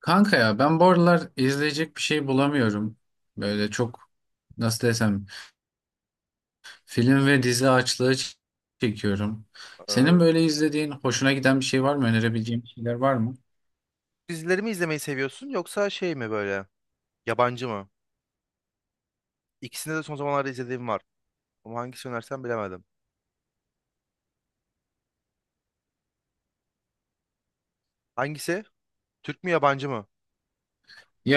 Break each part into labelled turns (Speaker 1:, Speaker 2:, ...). Speaker 1: Kanka ya ben bu aralar izleyecek bir şey bulamıyorum. Böyle çok, nasıl desem, film ve dizi açlığı çekiyorum. Senin
Speaker 2: Ee,
Speaker 1: böyle izlediğin hoşuna giden bir şey var mı? Önerebileceğin şeyler var mı?
Speaker 2: Dizileri mi izlemeyi seviyorsun yoksa şey mi böyle yabancı mı? İkisinde de son zamanlarda izlediğim var. Ama hangisi önersen bilemedim. Hangisi? Türk mü yabancı mı?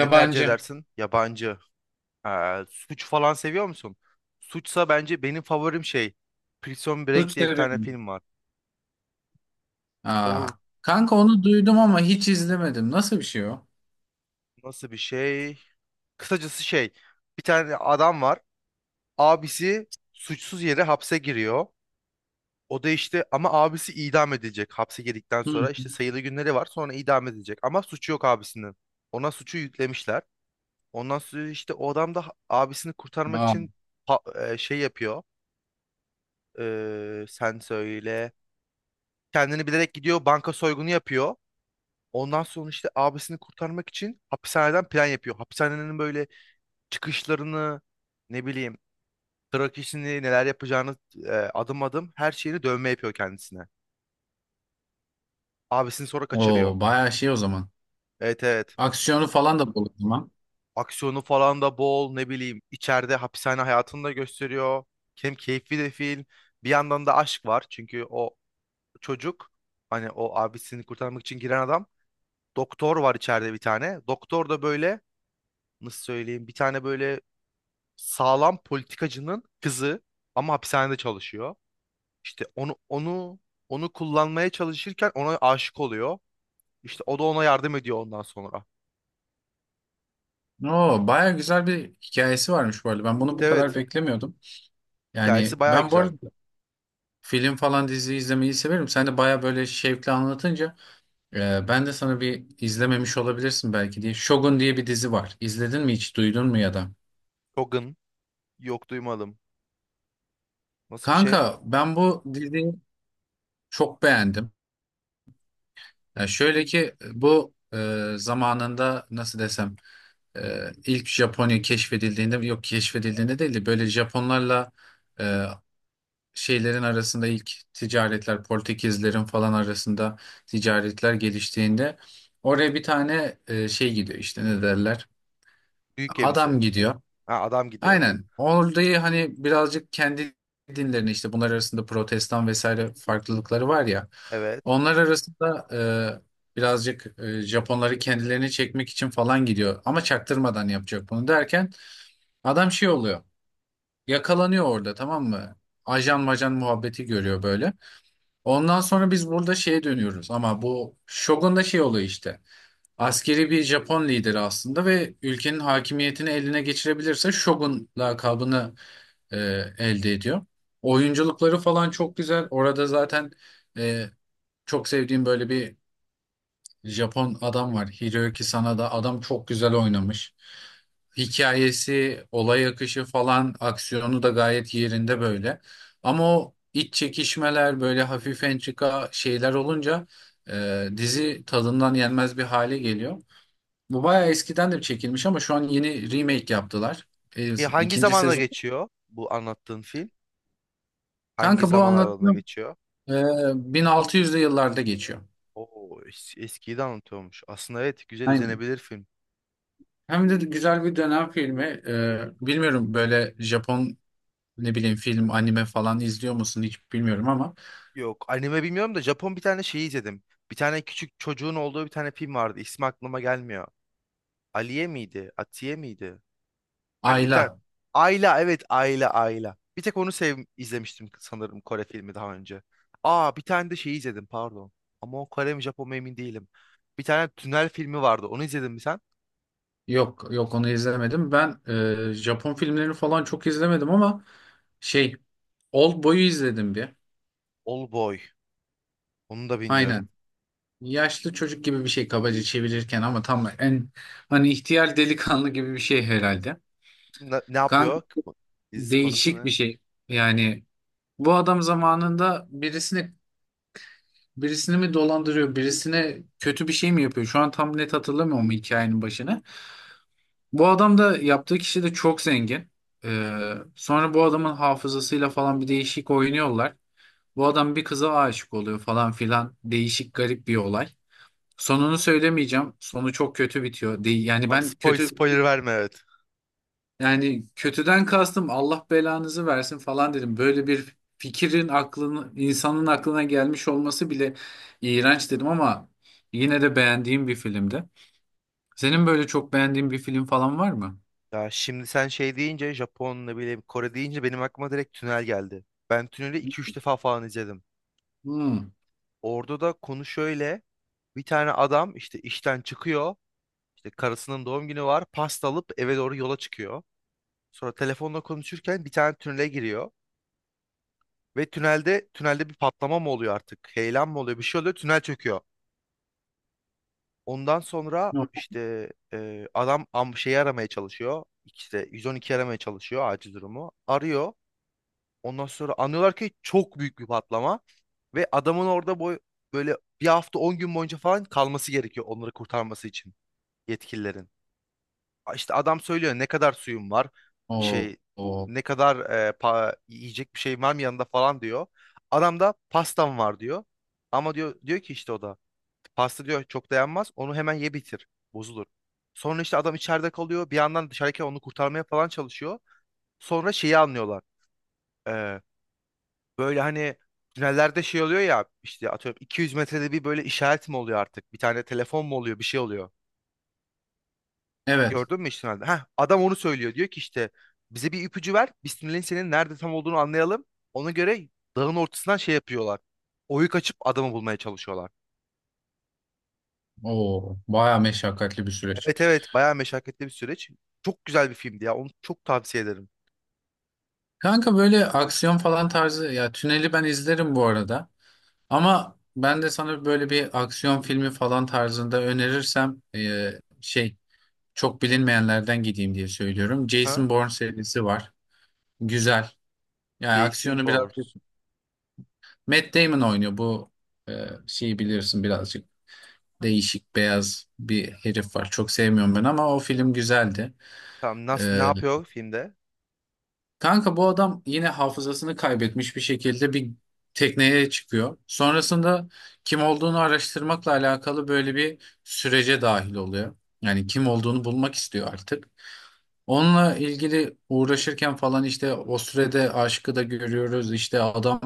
Speaker 2: Ne tercih edersin? Yabancı. Suç falan seviyor musun? Suçsa bence benim favorim şey. Prison Break
Speaker 1: Suç
Speaker 2: diye bir tane
Speaker 1: severim.
Speaker 2: film var.
Speaker 1: Aa,
Speaker 2: O
Speaker 1: kanka onu duydum ama hiç izlemedim. Nasıl bir şey o?
Speaker 2: nasıl bir şey? Kısacası şey. Bir tane adam var. Abisi suçsuz yere hapse giriyor. O da işte ama abisi idam edilecek. Hapse girdikten sonra
Speaker 1: Hı.
Speaker 2: işte sayılı günleri var. Sonra idam edilecek. Ama suçu yok abisinin. Ona suçu yüklemişler. Ondan sonra işte o adam da abisini kurtarmak
Speaker 1: Aa,
Speaker 2: için şey yapıyor. Sen söyle. Kendini bilerek gidiyor. Banka soygunu yapıyor. Ondan sonra işte abisini kurtarmak için hapishaneden plan yapıyor. Hapishanenin böyle çıkışlarını ne bileyim trak işini neler yapacağını adım adım her şeyini dövme yapıyor kendisine. Abisini sonra kaçırıyor.
Speaker 1: o bayağı şey o zaman.
Speaker 2: Evet evet.
Speaker 1: Aksiyonu falan da bol o zaman.
Speaker 2: Aksiyonu falan da bol ne bileyim içeride hapishane hayatını da gösteriyor. Hem keyifli de film. Bir yandan da aşk var çünkü o çocuk hani o abisini kurtarmak için giren adam doktor var içeride bir tane. Doktor da böyle nasıl söyleyeyim bir tane böyle sağlam politikacının kızı ama hapishanede çalışıyor. İşte onu kullanmaya çalışırken ona aşık oluyor. İşte o da ona yardım ediyor ondan sonra.
Speaker 1: Oo, bayağı güzel bir hikayesi varmış bu arada. Ben bunu
Speaker 2: Evet
Speaker 1: bu kadar
Speaker 2: evet.
Speaker 1: beklemiyordum. Yani
Speaker 2: Hikayesi baya
Speaker 1: ben bu
Speaker 2: güzel.
Speaker 1: arada film falan dizi izlemeyi severim. Sen de baya böyle şevkli anlatınca ben de sana, bir izlememiş olabilirsin belki diye, Shogun diye bir dizi var. İzledin mi hiç? Duydun mu ya da?
Speaker 2: Logan yok duymadım. Nasıl bir şey?
Speaker 1: Kanka ben bu diziyi çok beğendim. Ya şöyle ki bu, zamanında, nasıl desem, ilk Japonya keşfedildiğinde, yok keşfedildiğinde değil de böyle Japonlarla, e, şeylerin arasında ilk ticaretler, Portekizlerin falan arasında ticaretler geliştiğinde, oraya bir tane, şey gidiyor işte, ne derler,
Speaker 2: Büyük gemisi.
Speaker 1: adam gidiyor.
Speaker 2: Ha, adam gidiyor.
Speaker 1: Aynen, orayı hani birazcık kendi dinlerini, işte bunlar arasında protestan vesaire farklılıkları var ya,
Speaker 2: Evet.
Speaker 1: onlar arasında birazcık Japonları kendilerini çekmek için falan gidiyor ama çaktırmadan yapacak bunu derken adam şey oluyor, yakalanıyor orada, tamam mı? Ajan majan muhabbeti görüyor böyle. Ondan sonra biz burada şeye dönüyoruz ama bu Shogun da şey oluyor işte. Askeri bir Japon lideri aslında ve ülkenin hakimiyetini eline geçirebilirse Shogun lakabını e, elde ediyor. Oyunculukları falan çok güzel. Orada zaten e, çok sevdiğim böyle bir Japon adam var. Hiroyuki Sanada. Adam çok güzel oynamış. Hikayesi, olay akışı falan, aksiyonu da gayet yerinde böyle. Ama o iç çekişmeler, böyle hafif entrika şeyler olunca dizi tadından yenmez bir hale geliyor. Bu bayağı eskiden de çekilmiş ama şu an yeni remake yaptılar.
Speaker 2: Hangi
Speaker 1: İkinci
Speaker 2: zamanda
Speaker 1: sezon.
Speaker 2: geçiyor bu anlattığın film? Hangi
Speaker 1: Kanka bu
Speaker 2: zaman aralığında
Speaker 1: anlattığım
Speaker 2: geçiyor?
Speaker 1: e, 1600'lü yıllarda geçiyor.
Speaker 2: Oo, eskiyi de anlatıyormuş. Aslında evet güzel
Speaker 1: Aynen.
Speaker 2: izlenebilir film.
Speaker 1: Hem de güzel bir dönem filmi. Bilmiyorum, böyle Japon, ne bileyim, film, anime falan izliyor musun hiç bilmiyorum ama
Speaker 2: Yok anime bilmiyorum da Japon bir tane şeyi izledim. Bir tane küçük çocuğun olduğu bir tane film vardı. İsmi aklıma gelmiyor. Aliye miydi? Atiye miydi? Hani bir tane
Speaker 1: Ayla,
Speaker 2: Ayla evet Ayla Ayla. Bir tek onu sev izlemiştim sanırım Kore filmi daha önce. Aa bir tane de şey izledim pardon. Ama o Kore mi Japon mu emin değilim. Bir tane tünel filmi vardı. Onu izledin mi sen?
Speaker 1: yok yok, onu izlemedim. Ben Japon filmlerini falan çok izlemedim ama şey, Oldboy'u izledim bir.
Speaker 2: All Boy. Onu da bilmiyorum.
Speaker 1: Aynen. Yaşlı çocuk gibi bir şey kabaca çevirirken, ama tam, en hani ihtiyar delikanlı gibi bir şey herhalde.
Speaker 2: Ne, ne
Speaker 1: Kanka
Speaker 2: yapıyor? Dizi konusu
Speaker 1: değişik bir
Speaker 2: ne?
Speaker 1: şey. Yani bu adam zamanında birisini, mi dolandırıyor, birisine kötü bir şey mi yapıyor? Şu an tam net hatırlamıyorum hikayenin başını. Bu adam da yaptığı kişi de çok zengin. Sonra bu adamın hafızasıyla falan bir değişik oynuyorlar. Bu adam bir kıza aşık oluyor falan filan. Değişik, garip bir olay. Sonunu söylemeyeceğim. Sonu çok kötü bitiyor. Değil, yani
Speaker 2: Tamam
Speaker 1: ben
Speaker 2: spoil,
Speaker 1: kötü,
Speaker 2: spoiler verme evet.
Speaker 1: yani kötüden kastım Allah belanızı versin falan dedim. Böyle bir fikrin aklını, insanın aklına gelmiş olması bile iğrenç dedim ama yine de beğendiğim bir filmdi. Senin böyle çok beğendiğin bir film falan var mı?
Speaker 2: Ya şimdi sen şey deyince Japon ne bileyim Kore deyince benim aklıma direkt tünel geldi. Ben tüneli iki üç defa falan izledim.
Speaker 1: Hmm.
Speaker 2: Orada da konu şöyle. Bir tane adam işte işten çıkıyor. İşte karısının doğum günü var. Pasta alıp eve doğru yola çıkıyor. Sonra telefonla konuşurken bir tane tünele giriyor. Ve tünelde bir patlama mı oluyor artık? Heyelan mı oluyor? Bir şey oluyor. Tünel çöküyor. Ondan sonra işte adam şeyi aramaya çalışıyor. İşte 112 aramaya çalışıyor acil durumu. Arıyor. Ondan sonra anlıyorlar ki çok büyük bir patlama. Ve adamın orada böyle bir hafta 10 gün boyunca falan kalması gerekiyor onları kurtarması için yetkililerin. İşte adam söylüyor ne kadar suyum var
Speaker 1: Oo,
Speaker 2: şey
Speaker 1: oo.
Speaker 2: ne kadar yiyecek bir şey var mı yanında falan diyor. Adam da pastam var diyor. Ama diyor ki işte o da pasta diyor çok dayanmaz onu hemen ye bitir bozulur. Sonra işte adam içeride kalıyor bir yandan dışarıdaki onu kurtarmaya falan çalışıyor. Sonra şeyi anlıyorlar. E, Böyle hani tünellerde şey oluyor ya işte atıyorum 200 metrede bir böyle işaret mi oluyor artık bir tane telefon mu oluyor bir şey oluyor.
Speaker 1: Evet.
Speaker 2: Gördün mü işte? Heh, adam onu söylüyor. Diyor ki işte bize bir ipucu ver. Biz tünelin senin nerede tam olduğunu anlayalım. Ona göre dağın ortasından şey yapıyorlar. Oyuk açıp adamı bulmaya çalışıyorlar.
Speaker 1: Oo, baya meşakkatli bir süreç.
Speaker 2: Evet evet bayağı meşakkatli bir süreç. Çok güzel bir filmdi ya. Onu çok tavsiye ederim.
Speaker 1: Kanka böyle aksiyon falan tarzı ya, Tünel'i ben izlerim bu arada. Ama ben de sana böyle bir aksiyon filmi falan tarzında önerirsem, şey, çok bilinmeyenlerden gideyim diye söylüyorum.
Speaker 2: Aha.
Speaker 1: Jason Bourne serisi var. Güzel. Yani
Speaker 2: Jason
Speaker 1: aksiyonu biraz,
Speaker 2: Bourne.
Speaker 1: Matt Damon oynuyor bu. Şeyi bilirsin, birazcık değişik beyaz bir herif var. Çok sevmiyorum ben ama o film güzeldi.
Speaker 2: Tamam nasıl ne
Speaker 1: E,
Speaker 2: yapıyor filmde?
Speaker 1: Kanka, bu adam yine hafızasını kaybetmiş bir şekilde bir tekneye çıkıyor. Sonrasında kim olduğunu araştırmakla alakalı böyle bir sürece dahil oluyor. Yani kim olduğunu bulmak istiyor artık. Onunla ilgili uğraşırken falan, işte o sürede aşkı da görüyoruz. İşte adam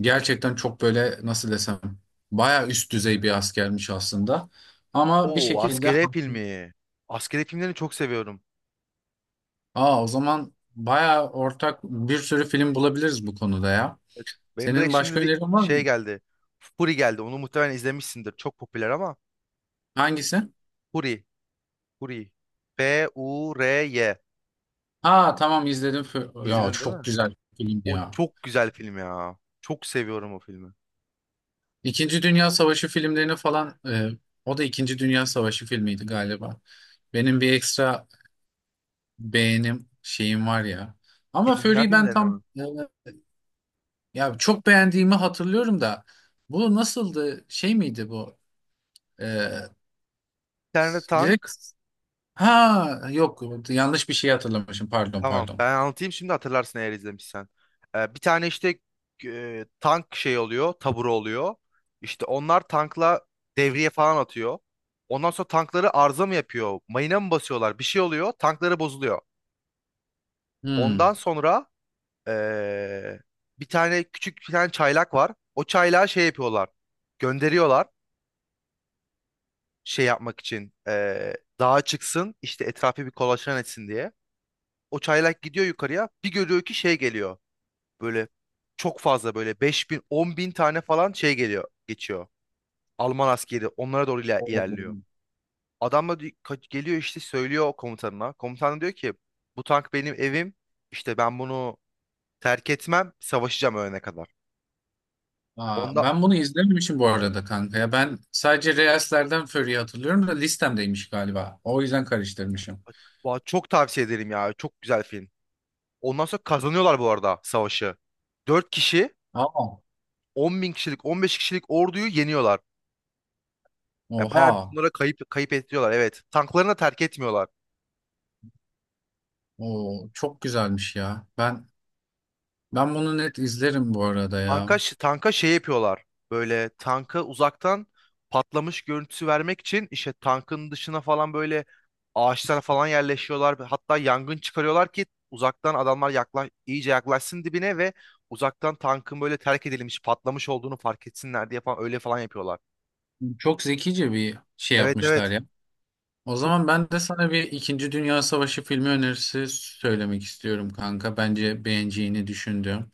Speaker 1: gerçekten çok böyle, nasıl desem, baya üst düzey bir askermiş aslında. Ama bir
Speaker 2: Oo
Speaker 1: şekilde
Speaker 2: askeri filmi. Askeri filmlerini çok seviyorum.
Speaker 1: aa o zaman baya ortak bir sürü film bulabiliriz bu konuda ya.
Speaker 2: Evet. Benim
Speaker 1: Senin
Speaker 2: direkt şimdi
Speaker 1: başka
Speaker 2: de
Speaker 1: önerin var
Speaker 2: şey
Speaker 1: mı?
Speaker 2: geldi. Fury geldi. Onu muhtemelen izlemişsindir. Çok popüler ama
Speaker 1: Hangisi?
Speaker 2: Fury. Fury. F-U-R-Y.
Speaker 1: Aa, tamam izledim. Ya
Speaker 2: İzledin değil
Speaker 1: çok
Speaker 2: mi?
Speaker 1: güzel filmdi
Speaker 2: O
Speaker 1: ya.
Speaker 2: çok güzel film ya. Çok seviyorum o filmi.
Speaker 1: İkinci Dünya Savaşı filmlerini falan, o da İkinci Dünya Savaşı filmiydi galiba. Benim bir ekstra beğenim şeyim var ya. Ama
Speaker 2: İkinci Dünya
Speaker 1: Fury'yi ben
Speaker 2: filmlerini
Speaker 1: tam,
Speaker 2: mi?
Speaker 1: ya çok beğendiğimi hatırlıyorum da, bu nasıldı? Şey miydi bu? E,
Speaker 2: Bir tane
Speaker 1: direkt
Speaker 2: tank.
Speaker 1: ha yok, yanlış bir şey hatırlamışım, pardon
Speaker 2: Tamam
Speaker 1: pardon.
Speaker 2: ben anlatayım şimdi hatırlarsın eğer izlemişsen. Bir tane işte tank şey oluyor. Taburu oluyor. İşte onlar tankla devriye falan atıyor. Ondan sonra tankları arıza mı yapıyor? Mayına mı basıyorlar? Bir şey oluyor. Tankları bozuluyor. Ondan sonra e, bir tane küçük bir tane çaylak var. O çaylağı şey yapıyorlar. Gönderiyorlar. Şey yapmak için dağa çıksın işte etrafı bir kolaçan etsin diye. O çaylak gidiyor yukarıya bir görüyor ki şey geliyor böyle çok fazla böyle 5000 bin 10 tane falan şey geliyor geçiyor. Alman askeri onlara doğru ilerliyor.
Speaker 1: Hmm.
Speaker 2: Adam da geliyor işte söylüyor o komutanına. Komutan da diyor ki bu tank benim evim işte ben bunu terk etmem savaşacağım ölene kadar.
Speaker 1: Aa,
Speaker 2: Onda
Speaker 1: ben bunu izlememişim bu arada kanka. Ya ben sadece Reels'lerden Fury'yi hatırlıyorum da listemdeymiş galiba. O yüzden karıştırmışım.
Speaker 2: Vay, çok tavsiye ederim ya çok güzel film. Ondan sonra kazanıyorlar bu arada savaşı. Dört kişi
Speaker 1: Ama
Speaker 2: 10 bin kişilik, 15 kişilik orduyu yeniyorlar. Yani bayağı bir
Speaker 1: oha.
Speaker 2: bunlara kayıp kayıp ettiriyorlar. Evet. Tanklarını da terk etmiyorlar.
Speaker 1: O çok güzelmiş ya. Ben bunu net izlerim bu arada ya.
Speaker 2: Tanka şey yapıyorlar. Böyle tanka uzaktan patlamış görüntüsü vermek için işte tankın dışına falan böyle ağaçlara falan yerleşiyorlar. Hatta yangın çıkarıyorlar ki uzaktan adamlar iyice yaklaşsın dibine ve uzaktan tankın böyle terk edilmiş, patlamış olduğunu fark etsinler diye falan öyle falan yapıyorlar.
Speaker 1: Çok zekice bir şey
Speaker 2: Evet
Speaker 1: yapmışlar
Speaker 2: evet.
Speaker 1: ya. O
Speaker 2: Çok
Speaker 1: zaman ben de sana bir İkinci Dünya Savaşı filmi önerisi söylemek istiyorum kanka. Bence beğeneceğini düşündüm.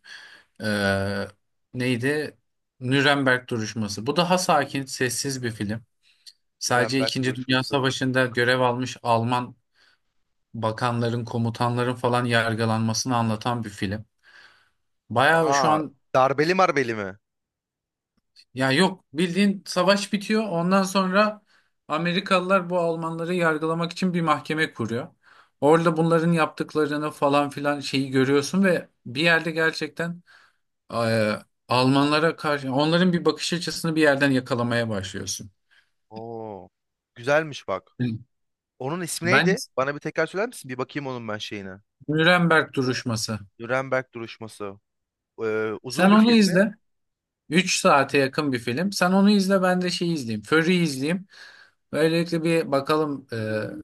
Speaker 1: Ee, neydi? Nürnberg duruşması. Bu daha sakin, sessiz bir film. Sadece
Speaker 2: Nürnberg
Speaker 1: İkinci Dünya
Speaker 2: duruşması.
Speaker 1: Savaşı'nda görev almış Alman bakanların, komutanların falan yargılanmasını anlatan bir film. Bayağı
Speaker 2: Aha,
Speaker 1: şu an,
Speaker 2: darbeli marbeli mi?
Speaker 1: ya yok, bildiğin savaş bitiyor. Ondan sonra Amerikalılar bu Almanları yargılamak için bir mahkeme kuruyor. Orada bunların yaptıklarını falan filan şeyi görüyorsun ve bir yerde gerçekten, e, Almanlara karşı onların bir bakış açısını bir yerden yakalamaya başlıyorsun.
Speaker 2: Oo. Güzelmiş bak. Onun ismi
Speaker 1: Ben
Speaker 2: neydi? Bana bir tekrar söyler misin? Bir bakayım onun ben şeyine.
Speaker 1: Nuremberg duruşması.
Speaker 2: Nuremberg duruşması.
Speaker 1: Sen
Speaker 2: Uzun bir
Speaker 1: onu
Speaker 2: film mi?
Speaker 1: izle. 3 saate yakın bir film. Sen onu izle, ben de şeyi izleyeyim, Fury'yi izleyeyim. Böylelikle bir bakalım,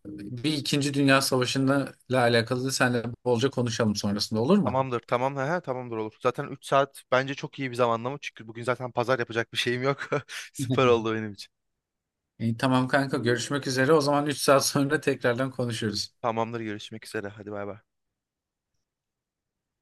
Speaker 1: bir İkinci Dünya Savaşı'nda ile alakalı da seninle bolca konuşalım sonrasında, olur mu?
Speaker 2: Tamamdır, tamam. He, tamamdır olur. Zaten 3 saat bence çok iyi bir zamanlama. Çünkü bugün zaten pazar yapacak bir şeyim yok. Süper oldu benim için.
Speaker 1: İyi, tamam kanka, görüşmek üzere. O zaman 3 saat sonra tekrardan konuşuruz.
Speaker 2: Tamamdır, görüşmek üzere. Hadi bay bay.